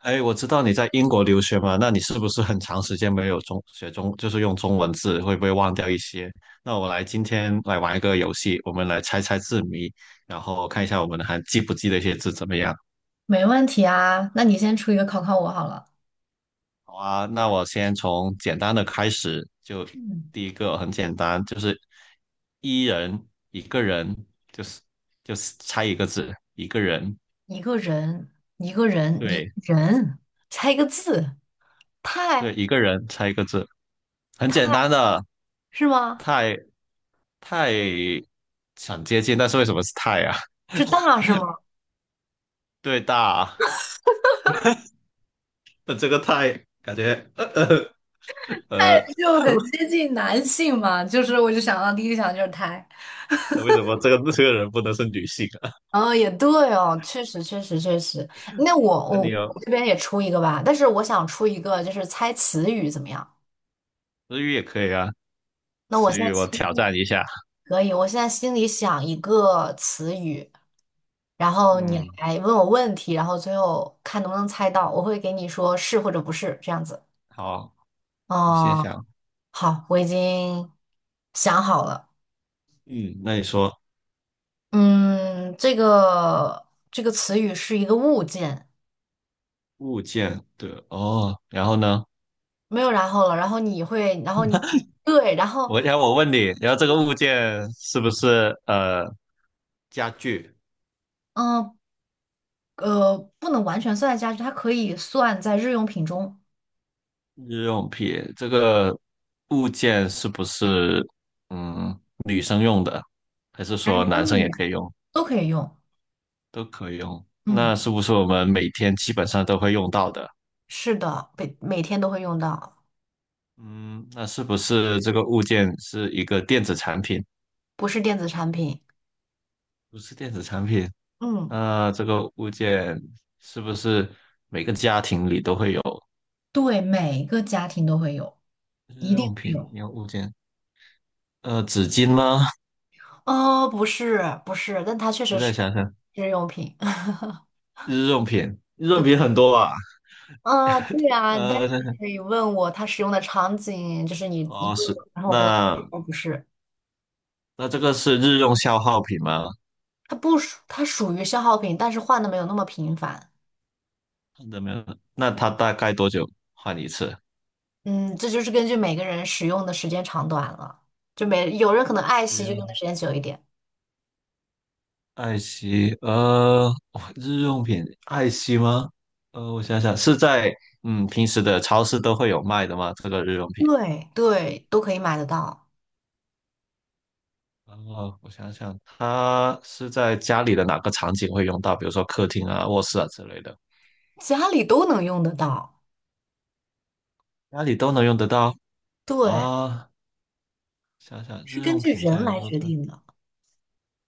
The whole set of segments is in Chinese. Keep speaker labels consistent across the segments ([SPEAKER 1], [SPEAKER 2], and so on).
[SPEAKER 1] 哎，我知道你在英国留学嘛，那你是不是很长时间没有中学中，就是用中文字，会不会忘掉一些？那今天来玩一个游戏，我们来猜猜字谜，然后看一下我们还记不记得一些字怎么样？
[SPEAKER 2] 没问题啊，那你先出一个考考我好了。
[SPEAKER 1] 好啊，那我先从简单的开始，就
[SPEAKER 2] 嗯，
[SPEAKER 1] 第一个很简单，就是一个人，就是就是猜一个字，一个人，
[SPEAKER 2] 一个人，一个人，一
[SPEAKER 1] 对
[SPEAKER 2] 个人，猜一个字，
[SPEAKER 1] 对，
[SPEAKER 2] 太
[SPEAKER 1] 一个人猜一个字，很简单的，
[SPEAKER 2] 是吗？
[SPEAKER 1] 太，太，想接近，但是为什么是太啊？
[SPEAKER 2] 是大是吗？
[SPEAKER 1] 对大，那这个太感觉呃
[SPEAKER 2] 就很接近男性嘛，我就想到第一想就是胎。
[SPEAKER 1] 那为什么这个人不能是女性啊？
[SPEAKER 2] 哦，也对哦，确实。那我
[SPEAKER 1] 那
[SPEAKER 2] 我
[SPEAKER 1] 你有
[SPEAKER 2] 我这边也出一个吧，但是我想出一个，就是猜词语怎么样？
[SPEAKER 1] 日语也可以啊，
[SPEAKER 2] 那我
[SPEAKER 1] 词
[SPEAKER 2] 现在
[SPEAKER 1] 语我挑
[SPEAKER 2] 心
[SPEAKER 1] 战一下。
[SPEAKER 2] 可以，我现在心里想一个词语，然后你
[SPEAKER 1] 嗯，
[SPEAKER 2] 来问我问题，然后最后看能不能猜到，我会给你说是或者不是这样子。
[SPEAKER 1] 好，你先
[SPEAKER 2] 哦，
[SPEAKER 1] 想。
[SPEAKER 2] 好，我已经想好了。
[SPEAKER 1] 嗯，那你说
[SPEAKER 2] 嗯，这个词语是一个物件，
[SPEAKER 1] 物件的哦，然后呢？
[SPEAKER 2] 没有然后了。然后你会，然后你对，然后
[SPEAKER 1] 然后我问你，然后这个物件是不是家具？
[SPEAKER 2] 嗯不能完全算在家具，它可以算在日用品中，
[SPEAKER 1] 日用品这个物件是不是嗯女生用的，还是
[SPEAKER 2] 男
[SPEAKER 1] 说男
[SPEAKER 2] 生
[SPEAKER 1] 生
[SPEAKER 2] 女
[SPEAKER 1] 也
[SPEAKER 2] 人
[SPEAKER 1] 可以用，
[SPEAKER 2] 都可以用。
[SPEAKER 1] 都可以用？
[SPEAKER 2] 嗯，
[SPEAKER 1] 那是不是我们每天基本上都会用到的？
[SPEAKER 2] 是的，每天都会用到，
[SPEAKER 1] 嗯，那是不是这个物件是一个电子产品？
[SPEAKER 2] 不是电子产品。
[SPEAKER 1] 不是电子产品，
[SPEAKER 2] 嗯。
[SPEAKER 1] 那这个物件是不是每个家庭里都会有
[SPEAKER 2] 对，每个家庭都会有，
[SPEAKER 1] 日
[SPEAKER 2] 一定
[SPEAKER 1] 用
[SPEAKER 2] 会
[SPEAKER 1] 品？
[SPEAKER 2] 有。
[SPEAKER 1] 你有物件，纸巾吗？
[SPEAKER 2] 哦，不是，但它确
[SPEAKER 1] 我
[SPEAKER 2] 实
[SPEAKER 1] 再
[SPEAKER 2] 是
[SPEAKER 1] 想想，
[SPEAKER 2] 日用品。
[SPEAKER 1] 日用品，日用
[SPEAKER 2] 对，
[SPEAKER 1] 品很多吧？
[SPEAKER 2] 啊，对啊，但是你
[SPEAKER 1] 呃，
[SPEAKER 2] 可以问我它使用的场景，就是你一
[SPEAKER 1] 哦，
[SPEAKER 2] 问
[SPEAKER 1] 是，
[SPEAKER 2] 我然后我回答
[SPEAKER 1] 那
[SPEAKER 2] 哦，不是，
[SPEAKER 1] 那这个是日用消耗品吗？
[SPEAKER 2] 它不属，它属于消耗品，但是换的没有那么频繁。
[SPEAKER 1] 看到没有？那它大概多久换一次？
[SPEAKER 2] 嗯，这就是根据每个人使用的时间长短了，就每有人可能爱
[SPEAKER 1] 日
[SPEAKER 2] 惜就用的
[SPEAKER 1] 用
[SPEAKER 2] 时间久一点。
[SPEAKER 1] 爱惜，哇日用品爱惜吗？我想想，是在平时的超市都会有卖的吗？这个日用品？
[SPEAKER 2] 对对，都可以买得到，
[SPEAKER 1] 哦，我想想，它是在家里的哪个场景会用到？比如说客厅啊、卧室啊之类的，
[SPEAKER 2] 家里都能用得到。
[SPEAKER 1] 家里都能用得到
[SPEAKER 2] 对，
[SPEAKER 1] 啊。想想
[SPEAKER 2] 是
[SPEAKER 1] 日
[SPEAKER 2] 根
[SPEAKER 1] 用
[SPEAKER 2] 据
[SPEAKER 1] 品家
[SPEAKER 2] 人
[SPEAKER 1] 里
[SPEAKER 2] 来
[SPEAKER 1] 都
[SPEAKER 2] 决
[SPEAKER 1] 是
[SPEAKER 2] 定的。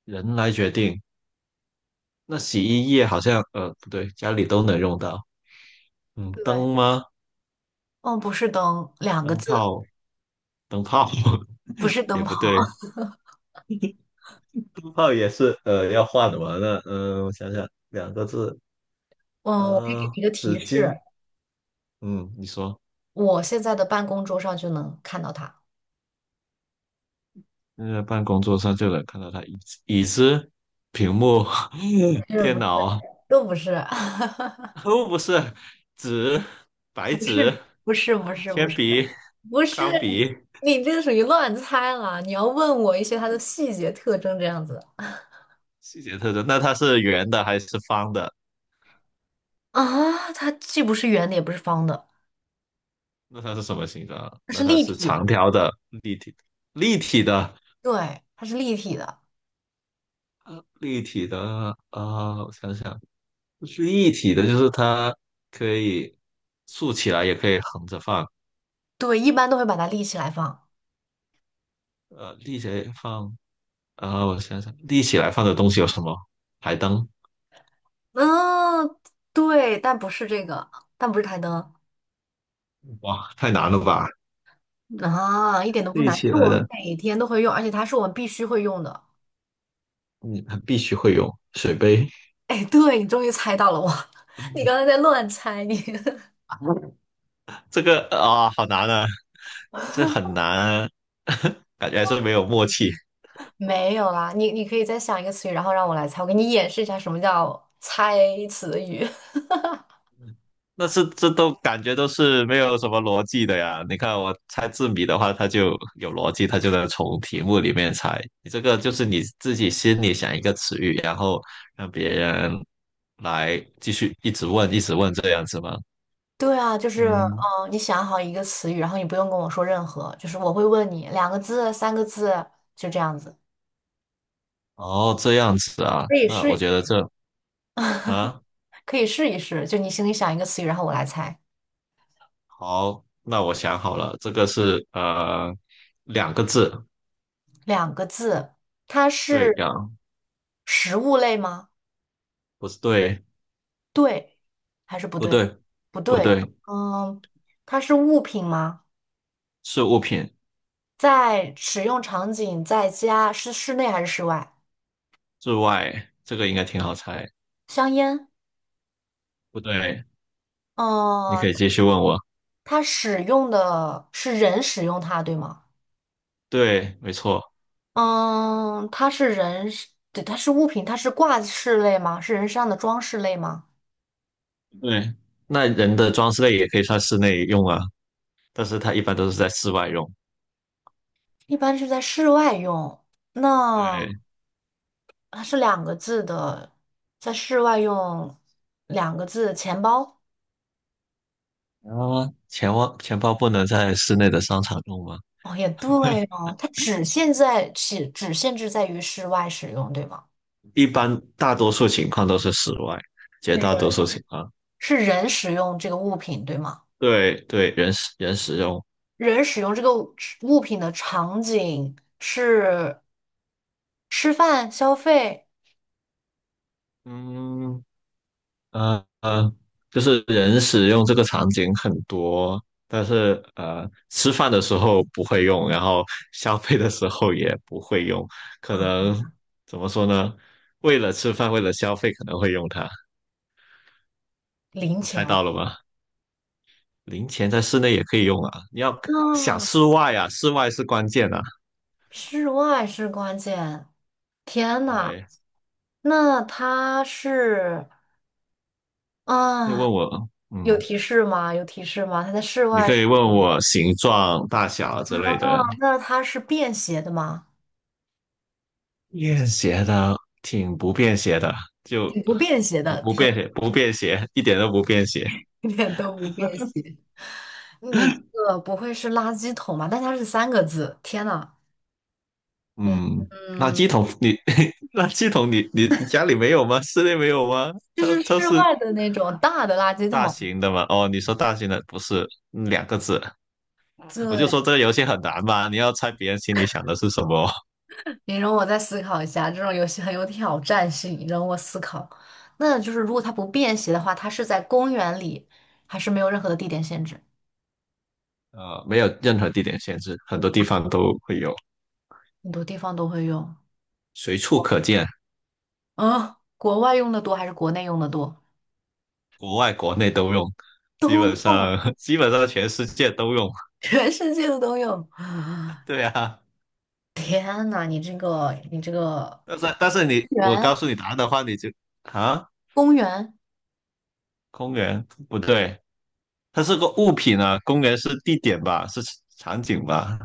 [SPEAKER 1] 人来决定。那洗衣液好像不对，家里都能用到。嗯，
[SPEAKER 2] 对，
[SPEAKER 1] 灯吗？
[SPEAKER 2] 嗯，不是灯，两个
[SPEAKER 1] 灯
[SPEAKER 2] 字，
[SPEAKER 1] 泡，灯泡
[SPEAKER 2] 不是 灯
[SPEAKER 1] 也
[SPEAKER 2] 泡。
[SPEAKER 1] 不对，灯泡也是要换的嘛。那我想想，两个字，
[SPEAKER 2] 嗯，我可以给你一个提
[SPEAKER 1] 纸
[SPEAKER 2] 示，
[SPEAKER 1] 巾。嗯，你说，
[SPEAKER 2] 我现在的办公桌上就能看到它。
[SPEAKER 1] 现在办公桌上就能看到它椅子、椅子、屏幕、
[SPEAKER 2] 不是
[SPEAKER 1] 电
[SPEAKER 2] 不是，
[SPEAKER 1] 脑，
[SPEAKER 2] 都不是，
[SPEAKER 1] 哦，不是纸、白
[SPEAKER 2] 不是
[SPEAKER 1] 纸、
[SPEAKER 2] 不是不是不
[SPEAKER 1] 铅
[SPEAKER 2] 是
[SPEAKER 1] 笔、
[SPEAKER 2] 不是，
[SPEAKER 1] 钢笔，
[SPEAKER 2] 你这个属于乱猜了。你要问我一些它的细节特征这样子。
[SPEAKER 1] 细节特征。那它是圆的还是方的？
[SPEAKER 2] 啊，它既不是圆的，也不是方的，
[SPEAKER 1] 那它是什么形状啊
[SPEAKER 2] 它
[SPEAKER 1] 那
[SPEAKER 2] 是
[SPEAKER 1] 它
[SPEAKER 2] 立
[SPEAKER 1] 是
[SPEAKER 2] 体
[SPEAKER 1] 长
[SPEAKER 2] 的。
[SPEAKER 1] 条的、立体、立体的、
[SPEAKER 2] 对，它是立体的。
[SPEAKER 1] 啊，立体的啊、我想想，是立体的就是它可以竖起来，也可以横着放。
[SPEAKER 2] 对，一般都会把它立起来放。
[SPEAKER 1] 立起来放啊、我想想，立起来放的东西有什么？台灯？
[SPEAKER 2] 嗯，对，但不是这个，但不是台灯。
[SPEAKER 1] 哇，太难了吧！
[SPEAKER 2] 啊，一点都不
[SPEAKER 1] 立
[SPEAKER 2] 难，
[SPEAKER 1] 起
[SPEAKER 2] 是
[SPEAKER 1] 来
[SPEAKER 2] 我们
[SPEAKER 1] 的，
[SPEAKER 2] 每天都会用，而且它是我们必须会用的。
[SPEAKER 1] 嗯，必须会有水杯。
[SPEAKER 2] 哎，对，你终于猜到了我，你刚才在 乱猜你。
[SPEAKER 1] 嗯这个啊、好难啊，这很难啊 感觉还是没有默契。
[SPEAKER 2] 没有啦，你可以再想一个词语，然后让我来猜，我给你演示一下什么叫猜词语。
[SPEAKER 1] 那是这都感觉都是没有什么逻辑的呀。你看我猜字谜的话，它就有逻辑，它就能从题目里面猜。你这个就是你自己心里想一个词语，然后让别人来继续一直问，一直问这样子吗？
[SPEAKER 2] 对啊，
[SPEAKER 1] 嗯，
[SPEAKER 2] 你想好一个词语，然后你不用跟我说任何，就是我会问你两个字、三个字，就这样子，
[SPEAKER 1] 哦，这样子啊。
[SPEAKER 2] 可以
[SPEAKER 1] 那
[SPEAKER 2] 试
[SPEAKER 1] 我
[SPEAKER 2] 一
[SPEAKER 1] 觉得这 啊，
[SPEAKER 2] 可以试一试。就你心里想一个词语，然后我来猜，
[SPEAKER 1] 好，那我想好了，这个是两个字，
[SPEAKER 2] 两个字，它
[SPEAKER 1] 对
[SPEAKER 2] 是
[SPEAKER 1] 呀，
[SPEAKER 2] 食物类吗？
[SPEAKER 1] 不是对，
[SPEAKER 2] 对还是不
[SPEAKER 1] 不
[SPEAKER 2] 对？
[SPEAKER 1] 对，
[SPEAKER 2] 不
[SPEAKER 1] 不
[SPEAKER 2] 对，
[SPEAKER 1] 对，
[SPEAKER 2] 嗯，它是物品吗？
[SPEAKER 1] 是物品
[SPEAKER 2] 在使用场景，在家是室内还是室外？
[SPEAKER 1] 之外，这个应该挺好猜。
[SPEAKER 2] 香烟，
[SPEAKER 1] 不对，你可
[SPEAKER 2] 嗯，
[SPEAKER 1] 以继续问我。
[SPEAKER 2] 它使用的是人使用它，对吗？
[SPEAKER 1] 对，没错，
[SPEAKER 2] 嗯，它是人是对，它是物品，它是挂饰类吗？是人身上的装饰类吗？
[SPEAKER 1] 对，那人的装饰类也可以算室内用啊，但是它一般都是在室外用。
[SPEAKER 2] 一般是在室外用，那
[SPEAKER 1] 对，
[SPEAKER 2] 它是两个字的，在室外用两个字，钱包。
[SPEAKER 1] 然后钱包钱包不能在室内的商场用吗？
[SPEAKER 2] 哦，也对哦，它只限制在于室外使用，对吗？
[SPEAKER 1] 一般大多数情况都是室外，绝大多
[SPEAKER 2] 人
[SPEAKER 1] 数情况。
[SPEAKER 2] 是人使用这个物品，对吗？
[SPEAKER 1] 对对，人使用。
[SPEAKER 2] 人使用物品的场景是吃饭、消费、
[SPEAKER 1] 嗯，呃呃，就是人使用这个场景很多，但是吃饭的时候不会用，然后消费的时候也不会用，可
[SPEAKER 2] 嗯，
[SPEAKER 1] 能怎么说呢？为了吃饭，为了消费可能会用它，
[SPEAKER 2] 零
[SPEAKER 1] 你猜
[SPEAKER 2] 钱。
[SPEAKER 1] 到了吗？零钱在室内也可以用啊，你要想
[SPEAKER 2] 嗯，
[SPEAKER 1] 室外啊，室外是关键啊。
[SPEAKER 2] 室外是关键。天呐，
[SPEAKER 1] 对，
[SPEAKER 2] 那它是
[SPEAKER 1] 可以
[SPEAKER 2] 啊，
[SPEAKER 1] 问我，
[SPEAKER 2] 有提示吗？有提示吗？它在室
[SPEAKER 1] 你
[SPEAKER 2] 外
[SPEAKER 1] 可
[SPEAKER 2] 是，
[SPEAKER 1] 以问我形状、大小
[SPEAKER 2] 啊，
[SPEAKER 1] 之类的，
[SPEAKER 2] 那它是便携的吗？
[SPEAKER 1] 便携的挺不便携的，就
[SPEAKER 2] 挺不便携
[SPEAKER 1] 不
[SPEAKER 2] 的，
[SPEAKER 1] 不
[SPEAKER 2] 天，
[SPEAKER 1] 便携，不便携，一点都不便携。
[SPEAKER 2] 一点都不便携。你这个不会是垃圾桶吧？但它是三个字，天呐，嗯
[SPEAKER 1] 嗯，垃
[SPEAKER 2] 嗯，
[SPEAKER 1] 圾桶你 垃圾桶你家里没有吗？室内没有吗？
[SPEAKER 2] 就
[SPEAKER 1] 超
[SPEAKER 2] 是
[SPEAKER 1] 超
[SPEAKER 2] 室
[SPEAKER 1] 市
[SPEAKER 2] 外的那种大的垃圾
[SPEAKER 1] 大
[SPEAKER 2] 桶。
[SPEAKER 1] 型的吗？哦，你说大型的不是两个字，
[SPEAKER 2] 对，
[SPEAKER 1] 我就说这个游戏很难吧？你要猜别人心里想的是什么。
[SPEAKER 2] 你容我再思考一下，这种游戏很有挑战性，你容我思考。那就是如果它不便携的话，它是在公园里，还是没有任何的地点限制？
[SPEAKER 1] 没有任何地点限制，很多地方都会有，
[SPEAKER 2] 很多地方都会用。
[SPEAKER 1] 随处可见，
[SPEAKER 2] 嗯，国外用的多还是国内用的多？
[SPEAKER 1] 国外国内都用，基本
[SPEAKER 2] 哦，
[SPEAKER 1] 上 基本上全世界都用。
[SPEAKER 2] 全世界的都有。
[SPEAKER 1] 对啊。
[SPEAKER 2] 天呐，你这个
[SPEAKER 1] 但是你，我
[SPEAKER 2] 园
[SPEAKER 1] 告诉你答案的话，你就啊，
[SPEAKER 2] 公园。
[SPEAKER 1] 公园不对，它是个物品啊，公园是地点吧，是场景吧？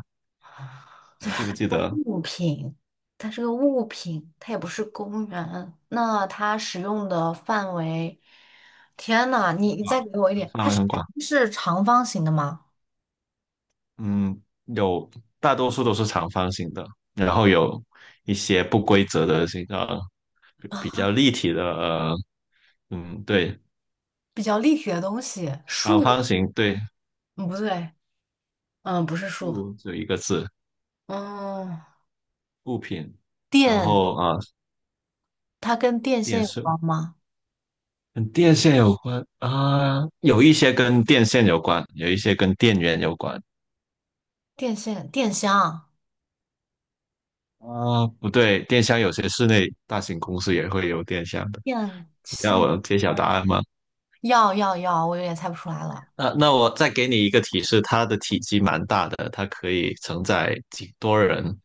[SPEAKER 1] 你记不记得？
[SPEAKER 2] 物品，它是个物品，它也不是公园。那它使用的范围，天呐，你你再
[SPEAKER 1] 啊，
[SPEAKER 2] 给我一点，
[SPEAKER 1] 范
[SPEAKER 2] 它
[SPEAKER 1] 围很广，
[SPEAKER 2] 是长方形的吗？
[SPEAKER 1] 嗯，有大多数都是长方形的，然后有一些不规则的形状，比较立体的，嗯，对，
[SPEAKER 2] 比较立体的东西，
[SPEAKER 1] 长方
[SPEAKER 2] 树，
[SPEAKER 1] 形，对，
[SPEAKER 2] 嗯，不对，嗯，不是树，
[SPEAKER 1] 物只有一个字，
[SPEAKER 2] 嗯，
[SPEAKER 1] 物品，然
[SPEAKER 2] 电，
[SPEAKER 1] 后啊，
[SPEAKER 2] 它跟电线
[SPEAKER 1] 电
[SPEAKER 2] 有
[SPEAKER 1] 视
[SPEAKER 2] 关吗？
[SPEAKER 1] 跟电线有关啊，有一些跟电线有关，有一些跟电源有关
[SPEAKER 2] 电线、电箱、
[SPEAKER 1] 啊。不对，电箱有些室内大型公司也会有电箱的。
[SPEAKER 2] 电
[SPEAKER 1] 你要
[SPEAKER 2] 线，
[SPEAKER 1] 我揭晓答案吗？
[SPEAKER 2] 要，我有点猜不出来了。
[SPEAKER 1] 那我再给你一个提示，它的体积蛮大的，它可以承载几多人，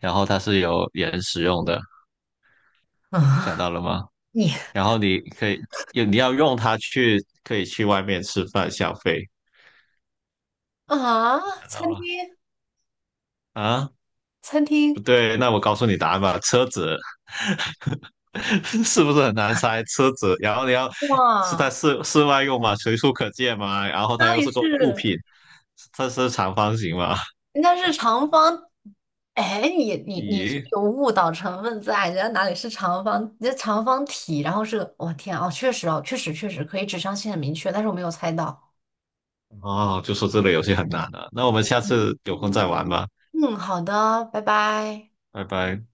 [SPEAKER 1] 然后它是有人使用的，想 到了吗？
[SPEAKER 2] 你
[SPEAKER 1] 然后你可以，你要用它去，可以去外面吃饭消费，
[SPEAKER 2] 啊，
[SPEAKER 1] 想到
[SPEAKER 2] 餐
[SPEAKER 1] 了吗
[SPEAKER 2] 厅，
[SPEAKER 1] 啊？
[SPEAKER 2] 餐厅，
[SPEAKER 1] 不对，那我告诉你答案吧，车子 是不是很难猜？车子，然后你要是在
[SPEAKER 2] 哇，
[SPEAKER 1] 室外用嘛，随处可见嘛，然后它
[SPEAKER 2] 哪
[SPEAKER 1] 又
[SPEAKER 2] 里
[SPEAKER 1] 是个物
[SPEAKER 2] 是？
[SPEAKER 1] 品，它是长方形嘛？
[SPEAKER 2] 但是长方，哎，你是
[SPEAKER 1] 咦，
[SPEAKER 2] 有误导成分在，人家哪里是长方？人家长方体，然后是我、天啊，哦，确实可以指向性很明确，但是我没有猜到。
[SPEAKER 1] 哦，就说这个游戏很难了，那我们下次有空再玩吧，
[SPEAKER 2] 嗯，好的，拜拜。
[SPEAKER 1] 拜拜。